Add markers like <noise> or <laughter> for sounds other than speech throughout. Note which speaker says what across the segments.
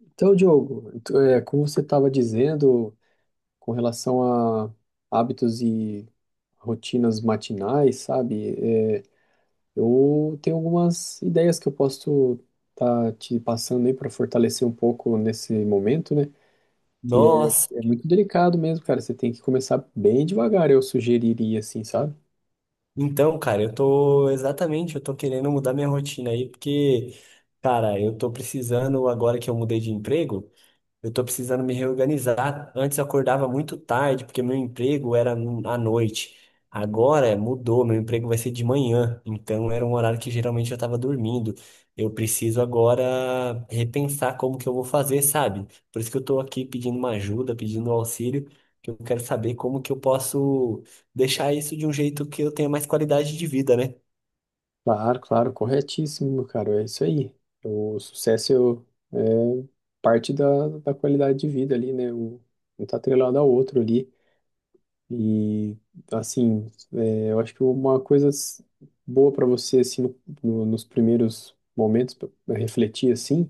Speaker 1: Então, Diogo, como você estava dizendo com relação a hábitos e rotinas matinais, sabe? Eu tenho algumas ideias que eu posso estar te passando aí para fortalecer um pouco nesse momento, né? Que é,
Speaker 2: Nossa,
Speaker 1: é muito delicado mesmo, cara. Você tem que começar bem devagar, eu sugeriria, assim, sabe?
Speaker 2: então, cara, eu tô querendo mudar minha rotina aí, porque, cara, eu tô precisando, agora que eu mudei de emprego, eu tô precisando me reorganizar. Antes eu acordava muito tarde, porque meu emprego era à noite. Agora mudou, meu emprego vai ser de manhã. Então era um horário que geralmente eu tava dormindo. Eu preciso agora repensar como que eu vou fazer, sabe? Por isso que eu tô aqui pedindo uma ajuda, pedindo um auxílio, que eu quero saber como que eu posso deixar isso de um jeito que eu tenha mais qualidade de vida, né?
Speaker 1: Claro, claro, corretíssimo, cara. É isso aí. O sucesso é parte da qualidade de vida ali, né? Um tá atrelado ao outro ali. E, assim, é, eu acho que uma coisa boa para você, assim, nos primeiros momentos, pra refletir, assim,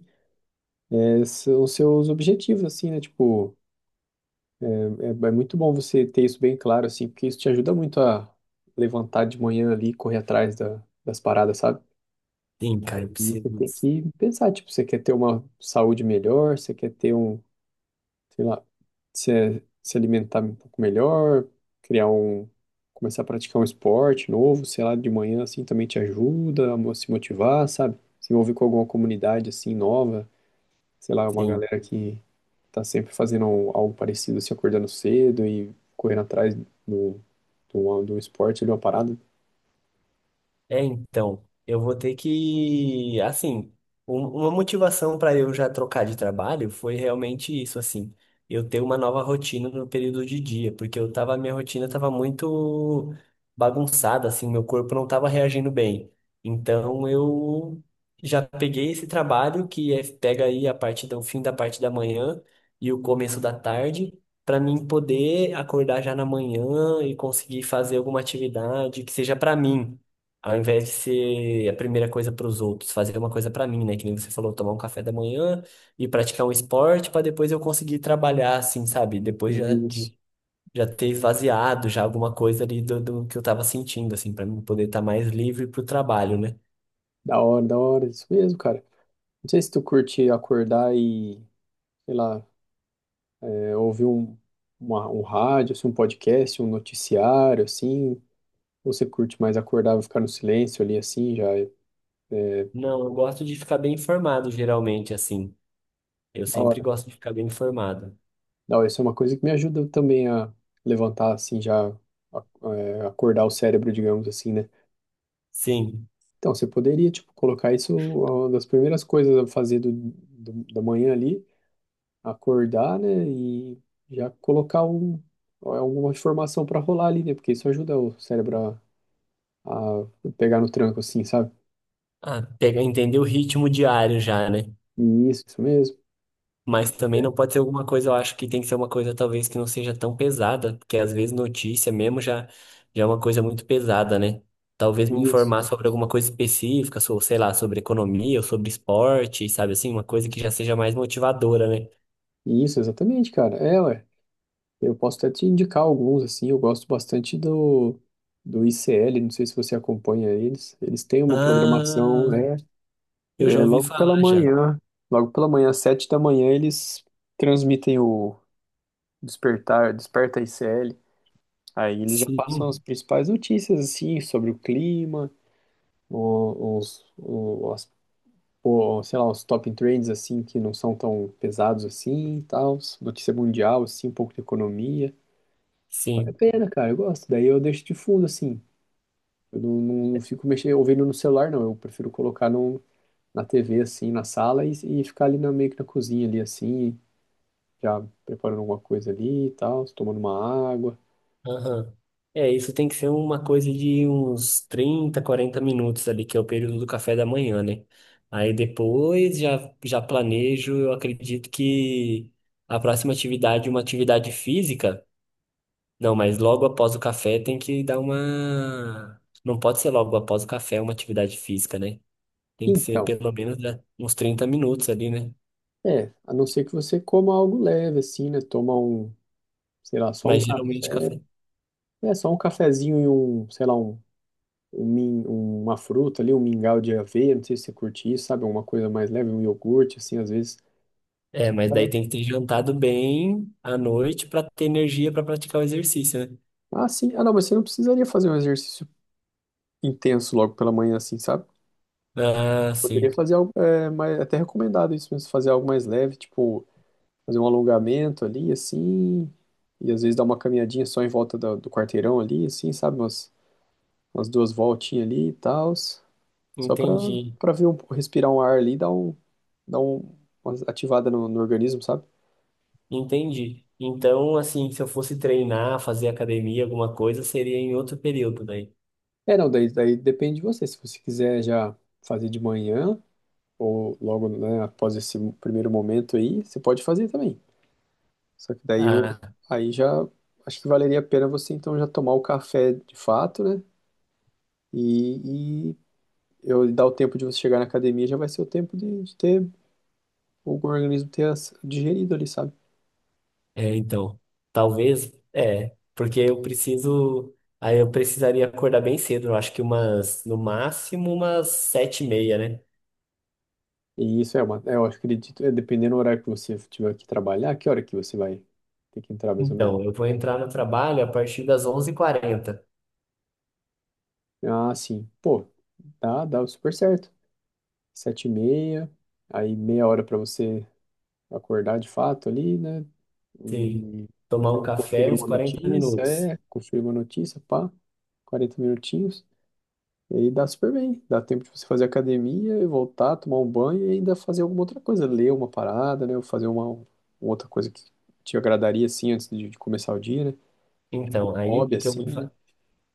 Speaker 1: é, são os seus objetivos, assim, né? Tipo, é, é muito bom você ter isso bem claro, assim, porque isso te ajuda muito a levantar de manhã ali e correr atrás das paradas, sabe?
Speaker 2: Sim, cara, eu
Speaker 1: E você tem
Speaker 2: preciso.
Speaker 1: que pensar, tipo, você quer ter uma saúde melhor, você quer ter um, sei lá, se alimentar um pouco melhor, criar um, começar a praticar um esporte novo, sei lá, de manhã assim também te ajuda a se motivar, sabe? Se envolver com alguma comunidade assim nova, sei lá, uma
Speaker 2: Sim.
Speaker 1: galera que tá sempre fazendo algo parecido, se acordando cedo e correndo atrás do, do esporte, de uma parada.
Speaker 2: É, então, eu vou ter que, assim, uma motivação para eu já trocar de trabalho foi realmente isso, assim, eu ter uma nova rotina no período de dia, porque minha rotina tava muito bagunçada, assim, meu corpo não tava reagindo bem. Então, eu já peguei esse trabalho que é, pega aí a parte do o fim da parte da manhã e o começo da tarde. Para mim poder acordar já na manhã e conseguir fazer alguma atividade que seja para mim, ao invés de ser a primeira coisa para os outros, fazer uma coisa para mim, né? Que nem você falou, tomar um café da manhã e praticar um esporte para depois eu conseguir trabalhar, assim, sabe? Depois já
Speaker 1: Isso,
Speaker 2: de já ter esvaziado já alguma coisa ali do, do que eu tava sentindo, assim, para mim poder estar mais livre para o trabalho, né?
Speaker 1: da hora, isso mesmo, cara. Não sei se tu curte acordar e sei lá, é, ouvir um, um rádio, assim, um podcast, um noticiário, assim, ou você curte mais acordar e ficar no silêncio ali, assim, já é
Speaker 2: Não, eu gosto de ficar bem informado, geralmente, assim. Eu
Speaker 1: da
Speaker 2: sempre
Speaker 1: hora.
Speaker 2: gosto de ficar bem informado.
Speaker 1: Da hora, isso é uma coisa que me ajuda também a levantar, assim, já acordar o cérebro, digamos assim, né?
Speaker 2: Sim.
Speaker 1: Então, você poderia, tipo, colocar isso uma das primeiras coisas a fazer da manhã ali, acordar, né, e já colocar um, alguma informação para rolar ali, né? Porque isso ajuda o cérebro a pegar no tranco assim, sabe?
Speaker 2: Ah, pega, entender o ritmo diário já, né?
Speaker 1: Isso mesmo.
Speaker 2: Mas também não pode ser alguma coisa, eu acho que tem que ser uma coisa talvez que não seja tão pesada, porque às vezes notícia mesmo já, já é uma coisa muito pesada, né? Talvez me
Speaker 1: Isso.
Speaker 2: informar sobre alguma coisa específica, sei lá, sobre economia ou sobre esporte, sabe assim, uma coisa que já seja mais motivadora, né?
Speaker 1: Isso, exatamente, cara. É, ué. Eu posso até te indicar alguns, assim. Eu gosto bastante do ICL, não sei se você acompanha eles. Eles têm uma programação,
Speaker 2: Ah, eu já
Speaker 1: é
Speaker 2: ouvi
Speaker 1: logo pela
Speaker 2: falar já.
Speaker 1: manhã. Logo pela manhã, às 7h da manhã, eles transmitem o Despertar, Desperta ICL. Aí eles já passam as
Speaker 2: Sim,
Speaker 1: principais notícias, assim, sobre o clima, o, os, o- pô, sei lá, os top trends assim que não são tão pesados assim e tal, notícia mundial assim, um pouco de economia. Vale a
Speaker 2: sim.
Speaker 1: pena, cara, eu gosto. Daí eu deixo de fundo assim. Eu não, não, não fico mexendo, ouvindo no celular, não. Eu prefiro colocar no, na TV assim, na sala e ficar ali na, meio que na cozinha ali assim, já preparando alguma coisa ali e tal, tomando uma água.
Speaker 2: Aham. É, isso tem que ser uma coisa de uns 30 40 minutos ali, que é o período do café da manhã, né? Aí depois já planejo, eu acredito que a próxima atividade, uma atividade física. Não, mas logo após o café tem que dar uma. Não pode ser logo após o café uma atividade física, né? Tem que ser
Speaker 1: Então,
Speaker 2: pelo menos né, uns 30 minutos ali, né?
Speaker 1: a não ser que você coma algo leve assim, né? Toma um, sei lá, só um
Speaker 2: Mas
Speaker 1: café.
Speaker 2: geralmente café.
Speaker 1: É, só um cafezinho e um, sei lá, uma fruta ali, um mingau de aveia, não sei se você curte isso, sabe? Alguma coisa mais leve, um iogurte, assim, às vezes.
Speaker 2: É,
Speaker 1: Só
Speaker 2: mas
Speaker 1: pra...
Speaker 2: daí tem que ter jantado bem à noite para ter energia para praticar o exercício, né?
Speaker 1: Ah, sim. Ah, não, mas você não precisaria fazer um exercício intenso logo pela manhã, assim, sabe?
Speaker 2: Ah, sim.
Speaker 1: Poderia fazer algo, é, mais, até recomendado isso mesmo, fazer algo mais leve, tipo, fazer um alongamento ali, assim, e às vezes dar uma caminhadinha só em volta do quarteirão ali, assim, sabe? Umas, umas duas voltinhas ali e tal, só pra,
Speaker 2: Entendi.
Speaker 1: pra ver um, respirar um ar ali, e dar um, uma ativada no organismo, sabe?
Speaker 2: Entendi. Então, assim, se eu fosse treinar, fazer academia, alguma coisa, seria em outro período, daí.
Speaker 1: É, não, daí depende de você. Se você quiser já fazer de manhã, ou logo, né, após esse primeiro momento aí, você pode fazer também. Só que daí eu,
Speaker 2: Ah,
Speaker 1: aí já, acho que valeria a pena você então já tomar o café de fato, né? E eu dar o tempo de você chegar na academia já vai ser o tempo de ter o organismo digerido ali, sabe?
Speaker 2: é, então. Talvez, é, porque eu preciso. Aí eu precisaria acordar bem cedo, eu acho que umas, no máximo, umas 7:30, né?
Speaker 1: E isso é uma, é, eu acredito, é dependendo do horário que você tiver que trabalhar, que hora que você vai ter que entrar mais ou menos.
Speaker 2: Então, eu vou entrar no trabalho a partir das 11:40.
Speaker 1: Ah, sim. Pô, dá super certo. 7h30, aí meia hora para você acordar de fato ali, né?
Speaker 2: Sim.
Speaker 1: E
Speaker 2: Tomar um
Speaker 1: então,
Speaker 2: café,
Speaker 1: conferir
Speaker 2: uns
Speaker 1: uma
Speaker 2: 40
Speaker 1: notícia,
Speaker 2: minutos.
Speaker 1: é, conferir uma notícia, pá, 40 minutinhos. E aí dá super bem, dá tempo de você fazer academia e voltar, tomar um banho e ainda fazer alguma outra coisa, ler uma parada, né? Ou fazer uma outra coisa que te agradaria, assim, antes de começar o dia, né? Um
Speaker 2: Então, aí o
Speaker 1: Hobby,
Speaker 2: que que eu vou
Speaker 1: assim, né?
Speaker 2: fazer?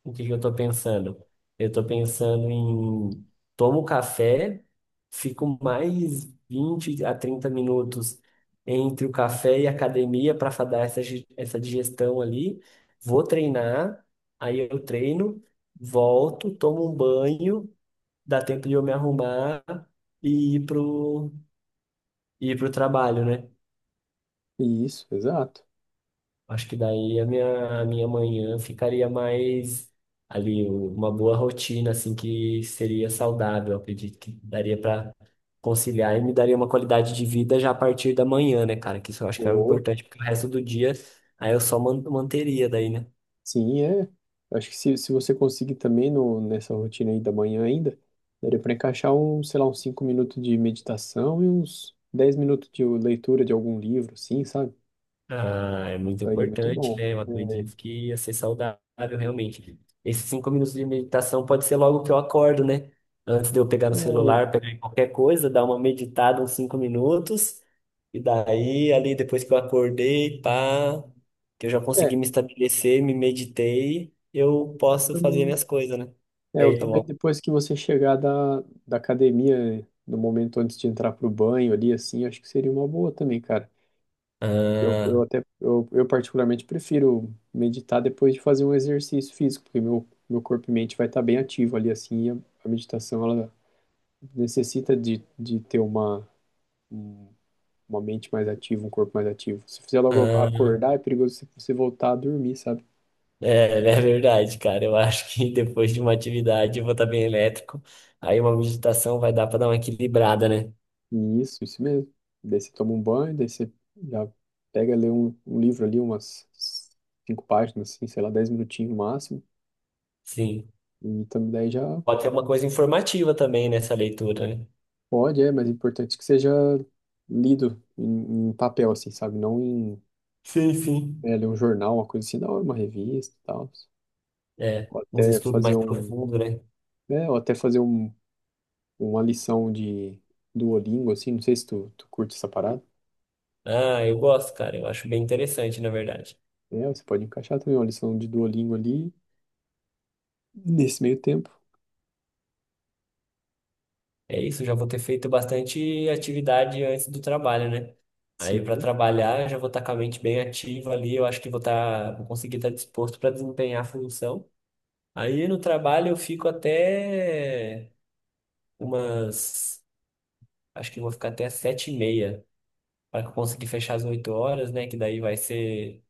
Speaker 2: O que que eu tô pensando? Eu tô pensando em tomo café, fico mais 20 a 30 minutos entre o café e a academia para dar essa digestão ali. Vou treinar, aí eu treino, volto, tomo um banho, dá tempo de eu me arrumar e ir pro trabalho, né?
Speaker 1: E isso, exato.
Speaker 2: Acho que daí a minha manhã ficaria mais ali, uma boa rotina, assim, que seria saudável. Eu acredito que daria para conciliar e me daria uma qualidade de vida já a partir da manhã, né, cara? Que isso eu acho que é importante, porque o resto do dia aí eu só manteria daí, né?
Speaker 1: Sim, é. Acho que se você conseguir também no, nessa rotina aí da manhã ainda, daria para encaixar um, sei lá, uns 5 minutos de meditação e uns 10 minutos de leitura de algum livro, assim, sabe?
Speaker 2: Ah, é muito
Speaker 1: Aí é muito
Speaker 2: importante,
Speaker 1: bom.
Speaker 2: né? Eu
Speaker 1: É,
Speaker 2: acredito que ia ser saudável, realmente. Esses 5 minutos de meditação pode ser logo que eu acordo, né? Antes de eu pegar no
Speaker 1: é,
Speaker 2: celular, pegar em qualquer coisa, dar uma meditada uns 5 minutos. E daí, ali, depois que eu acordei, pá, que eu já consegui
Speaker 1: é,
Speaker 2: me estabelecer, me meditei, eu posso fazer
Speaker 1: também.
Speaker 2: minhas coisas, né?
Speaker 1: É,
Speaker 2: E
Speaker 1: eu
Speaker 2: aí, tomar.
Speaker 1: também depois que você chegar da academia, no momento antes de entrar pro banho ali, assim, acho que seria uma boa também, cara. Eu, eu
Speaker 2: Ah,
Speaker 1: até, eu, eu particularmente prefiro meditar depois de fazer um exercício físico, porque meu corpo e mente vai estar bem ativo ali, assim, a meditação, ela necessita de ter uma, um- uma mente mais ativa, um corpo mais ativo. Se fizer logo
Speaker 2: ah.
Speaker 1: acordar, é perigoso você voltar a dormir, sabe?
Speaker 2: É, <laughs> é verdade, cara. Eu acho que depois de uma atividade eu vou estar bem elétrico. Aí uma meditação vai dar para dar uma equilibrada, né?
Speaker 1: E isso mesmo. Daí você toma um banho, daí você já pega, lê um, um livro ali, umas cinco páginas, assim, sei lá, 10 minutinhos no máximo,
Speaker 2: Sim.
Speaker 1: e também daí já
Speaker 2: Pode ser uma coisa informativa também nessa leitura, né?
Speaker 1: pode, é, mas é importante que seja lido em papel, assim, sabe? Não em,
Speaker 2: Sim, sim.
Speaker 1: é, ler um jornal, uma coisa assim, da hora, uma revista e tal.
Speaker 2: É,
Speaker 1: Ou
Speaker 2: uns
Speaker 1: até
Speaker 2: estudos
Speaker 1: fazer
Speaker 2: mais
Speaker 1: um,
Speaker 2: profundos, né?
Speaker 1: é, ou até fazer um, uma lição de Duolingo, assim, não sei se tu curte essa parada.
Speaker 2: Ah, eu gosto, cara. Eu acho bem interessante, na verdade.
Speaker 1: É, você pode encaixar também uma lição de Duolingo ali nesse meio tempo.
Speaker 2: É isso, já vou ter feito bastante atividade antes do trabalho, né? Aí para
Speaker 1: Sim,
Speaker 2: trabalhar, já vou estar com a mente bem ativa ali. Eu acho que vou estar, vou conseguir estar disposto para desempenhar a função. Aí no trabalho eu fico até umas. Acho que eu vou ficar até as 7:30 para conseguir fechar as 8 horas, né? Que daí vai ser,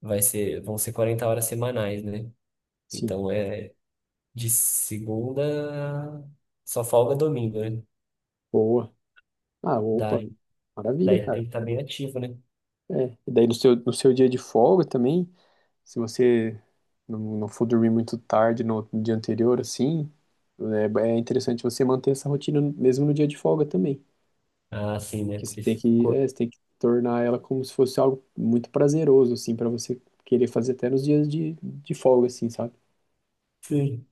Speaker 2: vai ser, vão ser 40 horas semanais, né?
Speaker 1: sim.
Speaker 2: Então é de segunda só folga domingo, né?
Speaker 1: Boa. Ah, opa,
Speaker 2: Daí,
Speaker 1: maravilha,
Speaker 2: daí
Speaker 1: cara.
Speaker 2: tem que estar bem ativo, né?
Speaker 1: É, e daí no seu dia de folga também, se você não, não for dormir muito tarde no dia anterior, assim, é interessante você manter essa rotina mesmo no dia de folga também.
Speaker 2: Ah, sim, né?
Speaker 1: Que você
Speaker 2: Porque
Speaker 1: tem
Speaker 2: se o
Speaker 1: que,
Speaker 2: corpo,
Speaker 1: é, você tem que tornar ela como se fosse algo muito prazeroso, assim, para você querer fazer até nos dias de folga, assim, sabe?
Speaker 2: sim,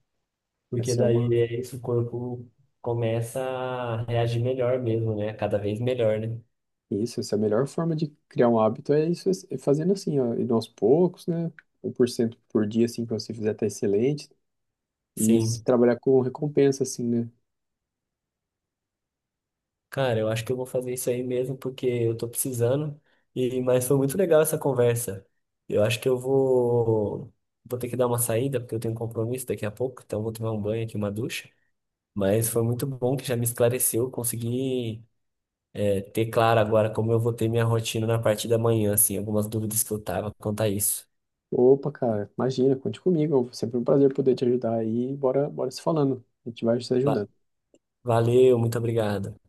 Speaker 2: porque
Speaker 1: Essa é uma,
Speaker 2: daí é isso, o corpo começa a reagir melhor mesmo, né? Cada vez melhor, né?
Speaker 1: isso, essa é a melhor forma de criar um hábito, é isso, é fazendo assim, ó, indo aos poucos, né? 1% por cento por dia, assim, que você fizer tá excelente. E se
Speaker 2: Sim.
Speaker 1: trabalhar com recompensa, assim, né?
Speaker 2: Cara, eu acho que eu vou fazer isso aí mesmo porque eu tô precisando. E mas foi muito legal essa conversa. Eu acho que eu vou ter que dar uma saída porque eu tenho um compromisso daqui a pouco, então eu vou tomar um banho aqui, uma ducha. Mas foi muito bom que já me esclareceu, consegui ter claro agora como eu vou ter minha rotina na parte da manhã, assim, algumas dúvidas que eu tava quanto a isso.
Speaker 1: Opa, cara, imagina, conte comigo. É sempre um prazer poder te ajudar aí. Bora, bora se falando. A gente vai se
Speaker 2: Va-
Speaker 1: ajudando.
Speaker 2: Valeu, muito obrigado.